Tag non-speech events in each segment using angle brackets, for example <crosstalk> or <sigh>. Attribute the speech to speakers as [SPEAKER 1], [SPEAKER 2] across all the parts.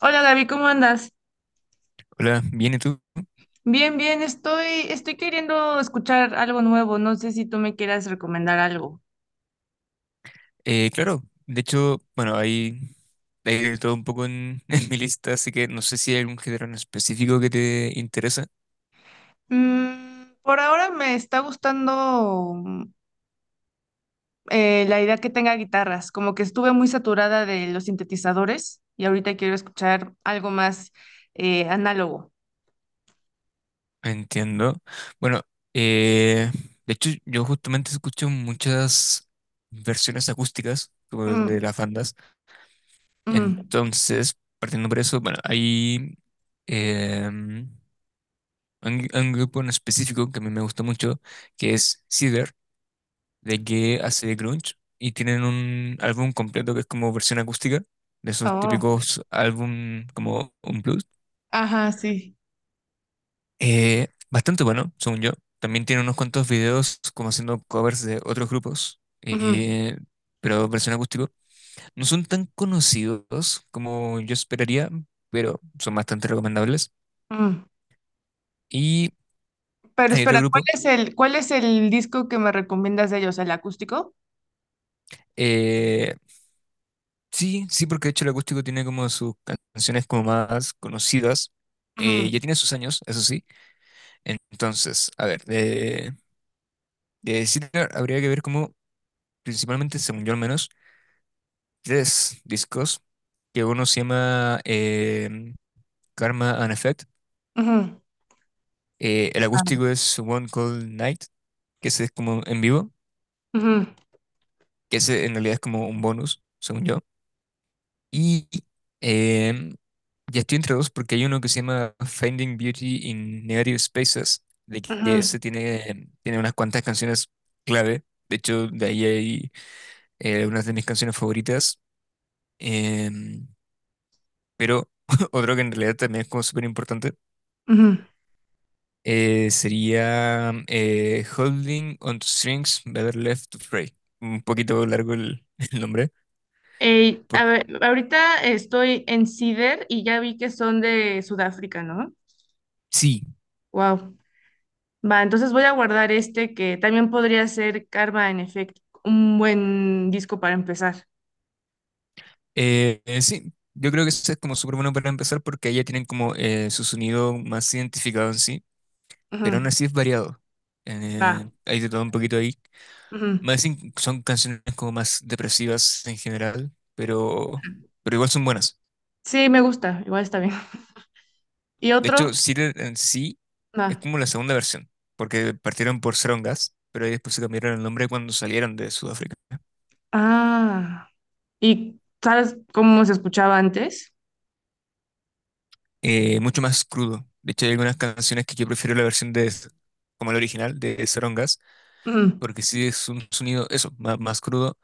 [SPEAKER 1] Hola Gaby, ¿cómo andas?
[SPEAKER 2] Hola, bien, ¿y tú?
[SPEAKER 1] Bien, bien, estoy queriendo escuchar algo nuevo. No sé si tú me quieras recomendar algo.
[SPEAKER 2] Claro, de hecho, bueno, hay de todo un poco <laughs> en mi lista, así que no sé si hay algún género en específico que te interesa.
[SPEAKER 1] Mm, por ahora me está gustando la idea que tenga guitarras, como que estuve muy saturada de los sintetizadores y ahorita quiero escuchar algo más análogo.
[SPEAKER 2] Entiendo. Bueno, eh, de hecho, yo justamente escucho muchas versiones acústicas como de
[SPEAKER 1] Mm,
[SPEAKER 2] las bandas.
[SPEAKER 1] mm,
[SPEAKER 2] Entonces, partiendo por eso, bueno, em, un grupo en específico que a mí me gusta mucho, que es Cider. De que hace de grunge y tienen un álbum completo que es como versión acústica de esos
[SPEAKER 1] oh,
[SPEAKER 2] típicos álbum como un blues.
[SPEAKER 1] ajá, sí.
[SPEAKER 2] Bastante bueno, según yo. También tiene unos cuantos videos como haciendo covers de otros grupos,
[SPEAKER 1] Ujú,
[SPEAKER 2] pero versión acústico. No son tan conocidos como yo esperaría, pero son bastante recomendables.
[SPEAKER 1] mm.
[SPEAKER 2] Y
[SPEAKER 1] Pero
[SPEAKER 2] hay otro
[SPEAKER 1] espera,
[SPEAKER 2] grupo.
[SPEAKER 1] ¿cuál es el disco que me recomiendas de ellos? ¿El acústico?
[SPEAKER 2] eh, sí, sí, porque de hecho el acústico tiene como sus canciones como más conocidas. Eh,
[SPEAKER 1] Ujú,
[SPEAKER 2] ya tiene sus años, eso sí. Entonces, a ver, de Sinner habría que ver como, principalmente, según yo al menos, tres discos, que uno se llama Karma and Effect,
[SPEAKER 1] ujú.
[SPEAKER 2] el
[SPEAKER 1] Ah.
[SPEAKER 2] acústico es One Cold Night, que ese es como en vivo,
[SPEAKER 1] Ujú,
[SPEAKER 2] que ese en realidad es como un bonus, según yo, y em, ya estoy entre dos porque hay uno que se llama Finding Beauty in Negative Spaces, de que
[SPEAKER 1] ujú,
[SPEAKER 2] ese tiene unas cuantas canciones clave. De hecho, de ahí hay una de mis canciones favoritas. em, pero <laughs> otro que en realidad también es como súper importante
[SPEAKER 1] ujú.
[SPEAKER 2] sería Holding on to Strings, Better Left to Fray. Un poquito largo <laughs> el nombre.
[SPEAKER 1] Ey,
[SPEAKER 2] Por,
[SPEAKER 1] a ver, ahorita estoy en Cider y ya vi que son de Sudáfrica, ¿no?
[SPEAKER 2] sí.
[SPEAKER 1] Wow. Va, entonces voy a guardar este que también podría ser Karma en efecto, un buen disco para empezar.
[SPEAKER 2] Sí, yo creo que eso es como súper bueno para empezar porque ahí ya tienen como su sonido más identificado en sí, pero aún
[SPEAKER 1] Ujú,
[SPEAKER 2] así es variado.
[SPEAKER 1] va.
[SPEAKER 2] Hay de todo un poquito ahí.
[SPEAKER 1] Ujú.
[SPEAKER 2] Más in- son canciones como más depresivas en general, pero igual son buenas.
[SPEAKER 1] Sí, me gusta, igual está bien. <laughs> ¿Y
[SPEAKER 2] De
[SPEAKER 1] otro?
[SPEAKER 2] hecho, Sealer en sí
[SPEAKER 1] Va.
[SPEAKER 2] es como la segunda versión, porque partieron por Serum Gas, pero ahí después se cambiaron el nombre cuando salieron de Sudáfrica.
[SPEAKER 1] Ah. ¿Y sabes cómo se escuchaba antes?
[SPEAKER 2] Mucho más crudo. De hecho, hay algunas canciones que yo prefiero como el original, de Serum Gas,
[SPEAKER 1] Ujú.
[SPEAKER 2] porque sí es un sonido, eso, más, más crudo.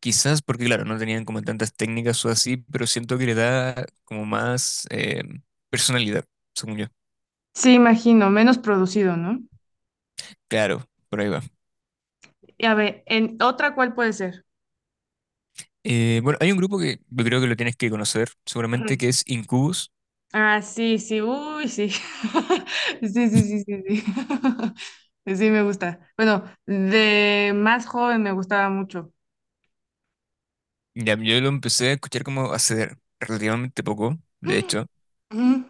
[SPEAKER 2] Quizás porque, claro, no tenían como tantas técnicas o así, pero siento que le da como más personalidad, según yo.
[SPEAKER 1] Sí, imagino, menos producido, ¿no?
[SPEAKER 2] Claro, por ahí va.
[SPEAKER 1] Y a ver, ¿en otra cuál puede ser?
[SPEAKER 2] Bueno, hay un grupo que yo creo que lo tienes que conocer, seguramente, que
[SPEAKER 1] Ujú.
[SPEAKER 2] es Incubus.
[SPEAKER 1] Ah, sí, sí, uy, sí. <laughs> Sí, sí, sí, sí, sí. <laughs> Sí, me gusta. Bueno, de más joven me gustaba mucho.
[SPEAKER 2] Ya, yo lo empecé a escuchar como hace relativamente poco, de hecho.
[SPEAKER 1] <clears throat> Ujú,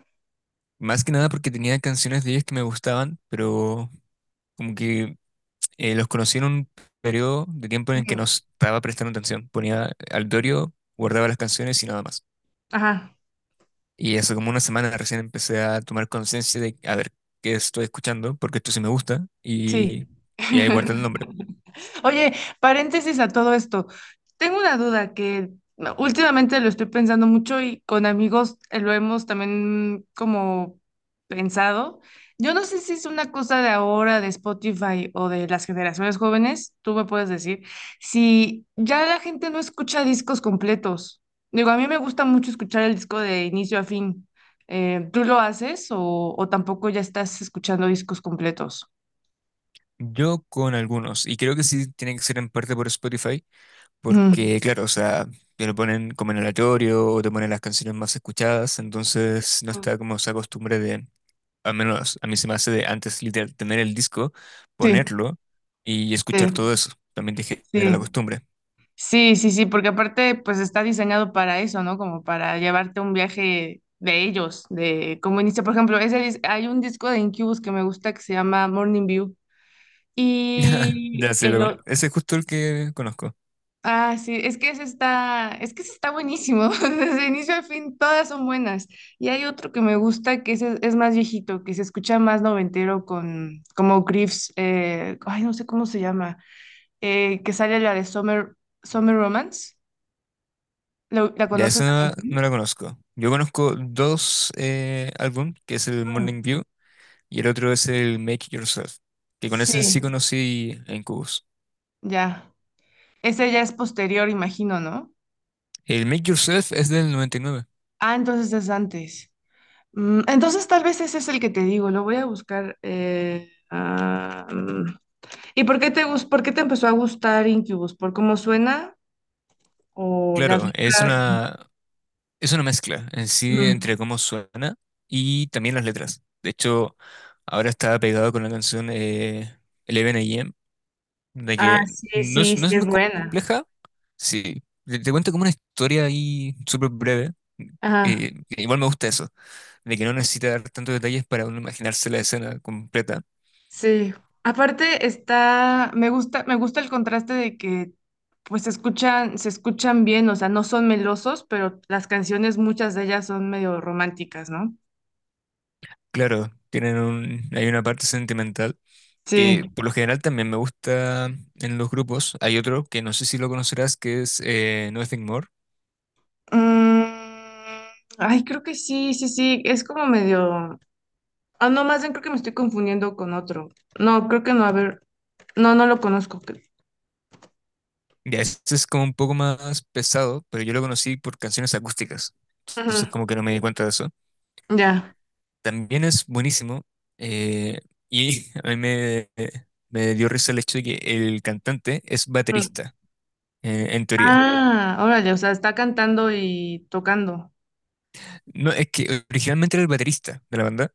[SPEAKER 2] Más que nada porque tenía canciones de ellos que me gustaban, pero como que los conocí en un periodo de tiempo en el que no
[SPEAKER 1] ujú.
[SPEAKER 2] estaba prestando atención. Ponía al Dorio, guardaba las canciones y nada más.
[SPEAKER 1] Ajá,
[SPEAKER 2] Y hace como una semana recién empecé a tomar conciencia de a ver qué estoy escuchando, porque esto sí me gusta,
[SPEAKER 1] sí.
[SPEAKER 2] y ahí guardé el
[SPEAKER 1] <laughs>
[SPEAKER 2] nombre.
[SPEAKER 1] Oye, paréntesis a todo esto. Tengo una duda que últimamente lo estoy pensando mucho y con amigos lo hemos también como pensado. Yo no sé si es una cosa de ahora, de Spotify o de las generaciones jóvenes, tú me puedes decir, si ya la gente no escucha discos completos. Digo, a mí me gusta mucho escuchar el disco de inicio a fin. ¿Tú lo haces o tampoco ya estás escuchando discos completos?
[SPEAKER 2] Yo con algunos, y creo que sí tiene que ser en parte por Spotify.
[SPEAKER 1] Ujú.
[SPEAKER 2] Porque, claro, o sea, te lo ponen como en aleatorio o te ponen las canciones más escuchadas, entonces no está
[SPEAKER 1] Mm.
[SPEAKER 2] como esa costumbre de, al menos a mí se me hace de antes literal tener el disco,
[SPEAKER 1] Sí,
[SPEAKER 2] ponerlo y escuchar
[SPEAKER 1] sí,
[SPEAKER 2] todo eso. También te genera
[SPEAKER 1] sí.
[SPEAKER 2] la costumbre.
[SPEAKER 1] Sí, sí, sí, porque aparte, pues está diseñado para eso, ¿no? Como para llevarte un viaje de ellos, de cómo inicia. Por ejemplo, hay un disco de Incubus que me gusta que se llama Morning View.
[SPEAKER 2] <laughs>
[SPEAKER 1] Y
[SPEAKER 2] Ya sé, lo
[SPEAKER 1] el
[SPEAKER 2] con-
[SPEAKER 1] o-
[SPEAKER 2] ese es justo el que conozco.
[SPEAKER 1] ah, sí, es que ese está buenísimo. <laughs> Desde inicio al fin, todas son buenas. Y hay otro que me gusta que ese es más viejito, que se escucha más noventero con como Griff's, ay, no sé cómo se llama, que sale la de Summer Romance. ¿La
[SPEAKER 2] Ya,
[SPEAKER 1] conoces la
[SPEAKER 2] esa
[SPEAKER 1] canción?
[SPEAKER 2] no la conozco. Yo conozco dos álbum, que es el Morning View y el otro es el Make Yourself, que con ese en
[SPEAKER 1] Sí,
[SPEAKER 2] sí conocí en Cubos.
[SPEAKER 1] ya. Ese ya es posterior, imagino, ¿no?
[SPEAKER 2] El Make Yourself es del 99.
[SPEAKER 1] Ah, entonces es antes. Mm, entonces tal vez ese es el que te digo, lo voy a buscar. Mm. ¿Y por qué te empezó a gustar Incubus? ¿Por cómo suena? ¿O las
[SPEAKER 2] Claro,
[SPEAKER 1] letras?
[SPEAKER 2] es una mezcla en sí
[SPEAKER 1] Mm.
[SPEAKER 2] entre cómo suena y también las letras. De hecho, ahora está pegado con la canción 11 AM, de
[SPEAKER 1] Ah,
[SPEAKER 2] que
[SPEAKER 1] sí, sí, sí,
[SPEAKER 2] no es
[SPEAKER 1] es
[SPEAKER 2] muy
[SPEAKER 1] buena.
[SPEAKER 2] compleja, sí. Te cuento como una historia ahí súper breve.
[SPEAKER 1] Ajá,
[SPEAKER 2] Que igual me gusta eso, de que no necesita dar tantos detalles para uno imaginarse la escena completa.
[SPEAKER 1] sí. Aparte está, me gusta el contraste de que pues se escuchan bien, o sea, no son melosos, pero las canciones, muchas de ellas son medio románticas, ¿no?
[SPEAKER 2] Claro, tienen un, hay una parte sentimental que
[SPEAKER 1] Sí.
[SPEAKER 2] por lo general también me gusta en los grupos. Hay otro que no sé si lo conocerás, que es Nothing More.
[SPEAKER 1] Mm, ay, creo que sí, sí, sí, es como medio... Ah, no, más bien creo que me estoy confundiendo con otro. No, creo que no, a ver, no, no lo conozco. Creo.
[SPEAKER 2] Ya, ese es como un poco más pesado, pero yo lo conocí por canciones acústicas. Entonces
[SPEAKER 1] Ujú,
[SPEAKER 2] como que no me di cuenta de eso.
[SPEAKER 1] ya.
[SPEAKER 2] También es buenísimo. eh, y <laughs> me dio risa el hecho de que el cantante es
[SPEAKER 1] Ujú.
[SPEAKER 2] baterista, en teoría.
[SPEAKER 1] Ah, órale, o sea, está cantando y tocando.
[SPEAKER 2] No, es que originalmente era el baterista de la banda.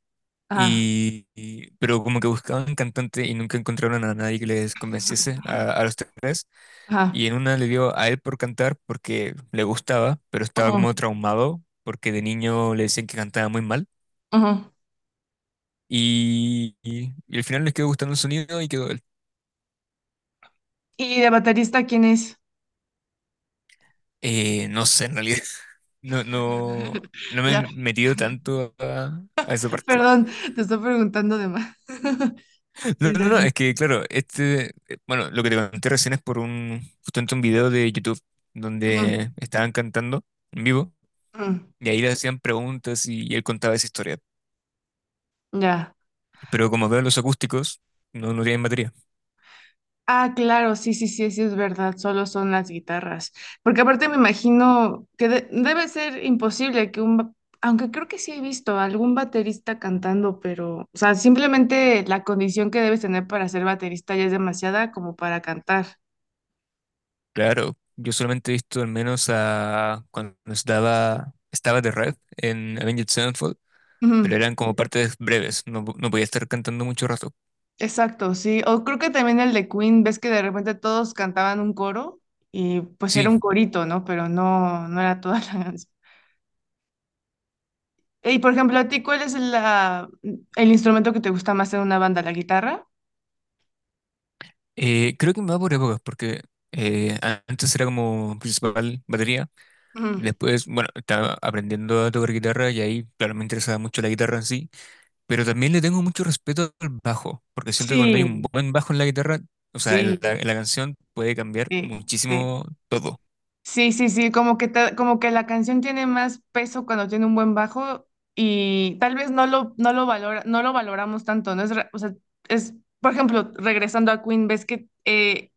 [SPEAKER 1] Ajá,
[SPEAKER 2] Y- pero como que buscaban cantante y nunca encontraron a nadie que les convenciese a los tres.
[SPEAKER 1] ajá.
[SPEAKER 2] Y en una le dio a él por cantar porque le gustaba, pero estaba como
[SPEAKER 1] Ujú,
[SPEAKER 2] traumado porque de niño le decían que cantaba muy mal.
[SPEAKER 1] ujú.
[SPEAKER 2] Y al final les quedó gustando el sonido y quedó él.
[SPEAKER 1] ¿Y de baterista quién es?
[SPEAKER 2] No sé, en realidad. <laughs> No, no,
[SPEAKER 1] <laughs>
[SPEAKER 2] no me he
[SPEAKER 1] Ya,
[SPEAKER 2] metido tanto a esa parte.
[SPEAKER 1] perdón, te estoy preguntando de más. <laughs>
[SPEAKER 2] <laughs> No, no, no,
[SPEAKER 1] Mm,
[SPEAKER 2] es que claro, este, bueno, lo que te conté recién es por justamente un video de YouTube
[SPEAKER 1] mm,
[SPEAKER 2] donde estaban cantando en vivo
[SPEAKER 1] mm,
[SPEAKER 2] y ahí le hacían preguntas y él contaba esa historia.
[SPEAKER 1] ya.
[SPEAKER 2] Pero como veo los acústicos, no, no tienen batería.
[SPEAKER 1] Ah, claro, sí, sí, sí, sí es verdad, solo son las guitarras. Porque aparte me imagino que debe ser imposible que aunque creo que sí he visto algún baterista cantando, pero, o sea, simplemente la condición que debes tener para ser baterista ya es demasiada como para cantar.
[SPEAKER 2] Claro, yo solamente he visto al menos a cuando estaba The Red en Avenged Sevenfold, pero
[SPEAKER 1] Ujú,
[SPEAKER 2] eran como partes breves, no, po- no podía estar cantando mucho rato.
[SPEAKER 1] exacto, sí. O creo que también el de Queen, ves que de repente todos cantaban un coro y pues era
[SPEAKER 2] Sí,
[SPEAKER 1] un corito, ¿no? Pero no, no era toda <laughs> la canción. Y por ejemplo, ¿a ti cuál es la, ¿el instrumento que te gusta más en una banda? ¿La guitarra?
[SPEAKER 2] creo que me va por épocas, porque antes era como principal batería,
[SPEAKER 1] Mm.
[SPEAKER 2] después, bueno, estaba aprendiendo a tocar guitarra y ahí, claro, me interesaba mucho la guitarra en sí, pero también le tengo mucho respeto al bajo, porque siento que cuando hay un
[SPEAKER 1] Sí,
[SPEAKER 2] buen bajo en la guitarra, o sea,
[SPEAKER 1] sí,
[SPEAKER 2] en la canción puede cambiar
[SPEAKER 1] sí, sí.
[SPEAKER 2] muchísimo todo.
[SPEAKER 1] Sí, sí, sí, como que como que la canción tiene más peso cuando tiene un buen bajo y tal vez no lo no lo valoramos tanto, no es, re- o sea, es por ejemplo, regresando a Queen, ves que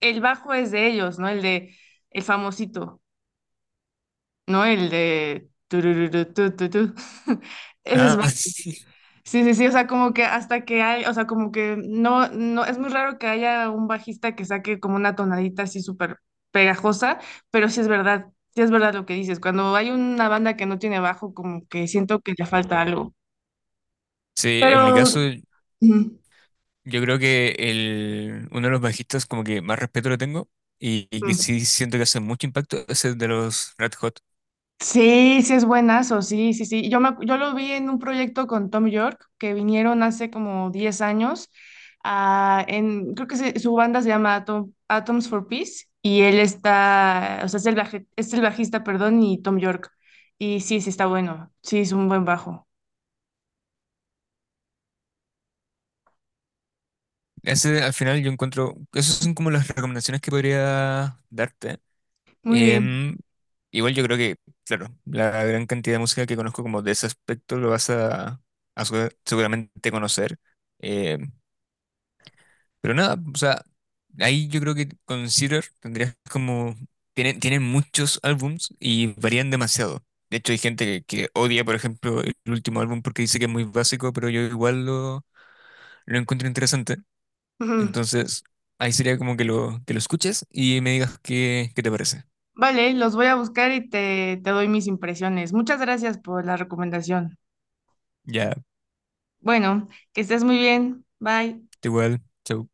[SPEAKER 1] el bajo es de ellos, ¿no? El de el famosito, ¿no? El de tururú, tu, tu, tu. <laughs> Ese es
[SPEAKER 2] Ah, <laughs>
[SPEAKER 1] sí, sí, sí, o sea, como que hasta que hay, o sea, como que no, no, es muy raro que haya un bajista que saque como una tonadita así súper pegajosa, pero sí es verdad lo que dices, cuando hay una banda que no tiene bajo, como que siento que le falta algo,
[SPEAKER 2] sí, en mi
[SPEAKER 1] pero...
[SPEAKER 2] caso,
[SPEAKER 1] Ujú.
[SPEAKER 2] yo creo que el, uno de los bajistas como que más respeto le tengo y que
[SPEAKER 1] Ujú.
[SPEAKER 2] sí siento que hace mucho impacto es el de los Red Hot.
[SPEAKER 1] Sí, sí es buenazo, sí, sí, sí. Yo lo vi en un proyecto con Tom York, que vinieron hace como 10 años, creo que su banda se llama Atoms for Peace, y él está, o sea, es el bajista, perdón, y Tom York. Y sí, sí está bueno, sí, es un buen bajo.
[SPEAKER 2] Ese al final yo encuentro, esas son como las recomendaciones que podría darte.
[SPEAKER 1] Muy bien.
[SPEAKER 2] Em, Igual yo creo que, claro, la gran cantidad de música que conozco como de ese aspecto lo vas a, seguramente conocer. Em, Pero nada, o sea, ahí yo creo que Consider tendrías como... Tienen muchos álbums y varían demasiado. De hecho, hay gente que odia, por ejemplo, el último álbum porque dice que es muy básico, pero yo igual lo encuentro interesante.
[SPEAKER 1] Ujú.
[SPEAKER 2] Entonces, ahí sería como que que lo escuches y me digas qué te parece.
[SPEAKER 1] Vale, los voy a buscar te doy mis impresiones. Muchas gracias por la recomendación.
[SPEAKER 2] Ya,
[SPEAKER 1] Bueno, que estés muy bien. Bye.
[SPEAKER 2] igual, chau.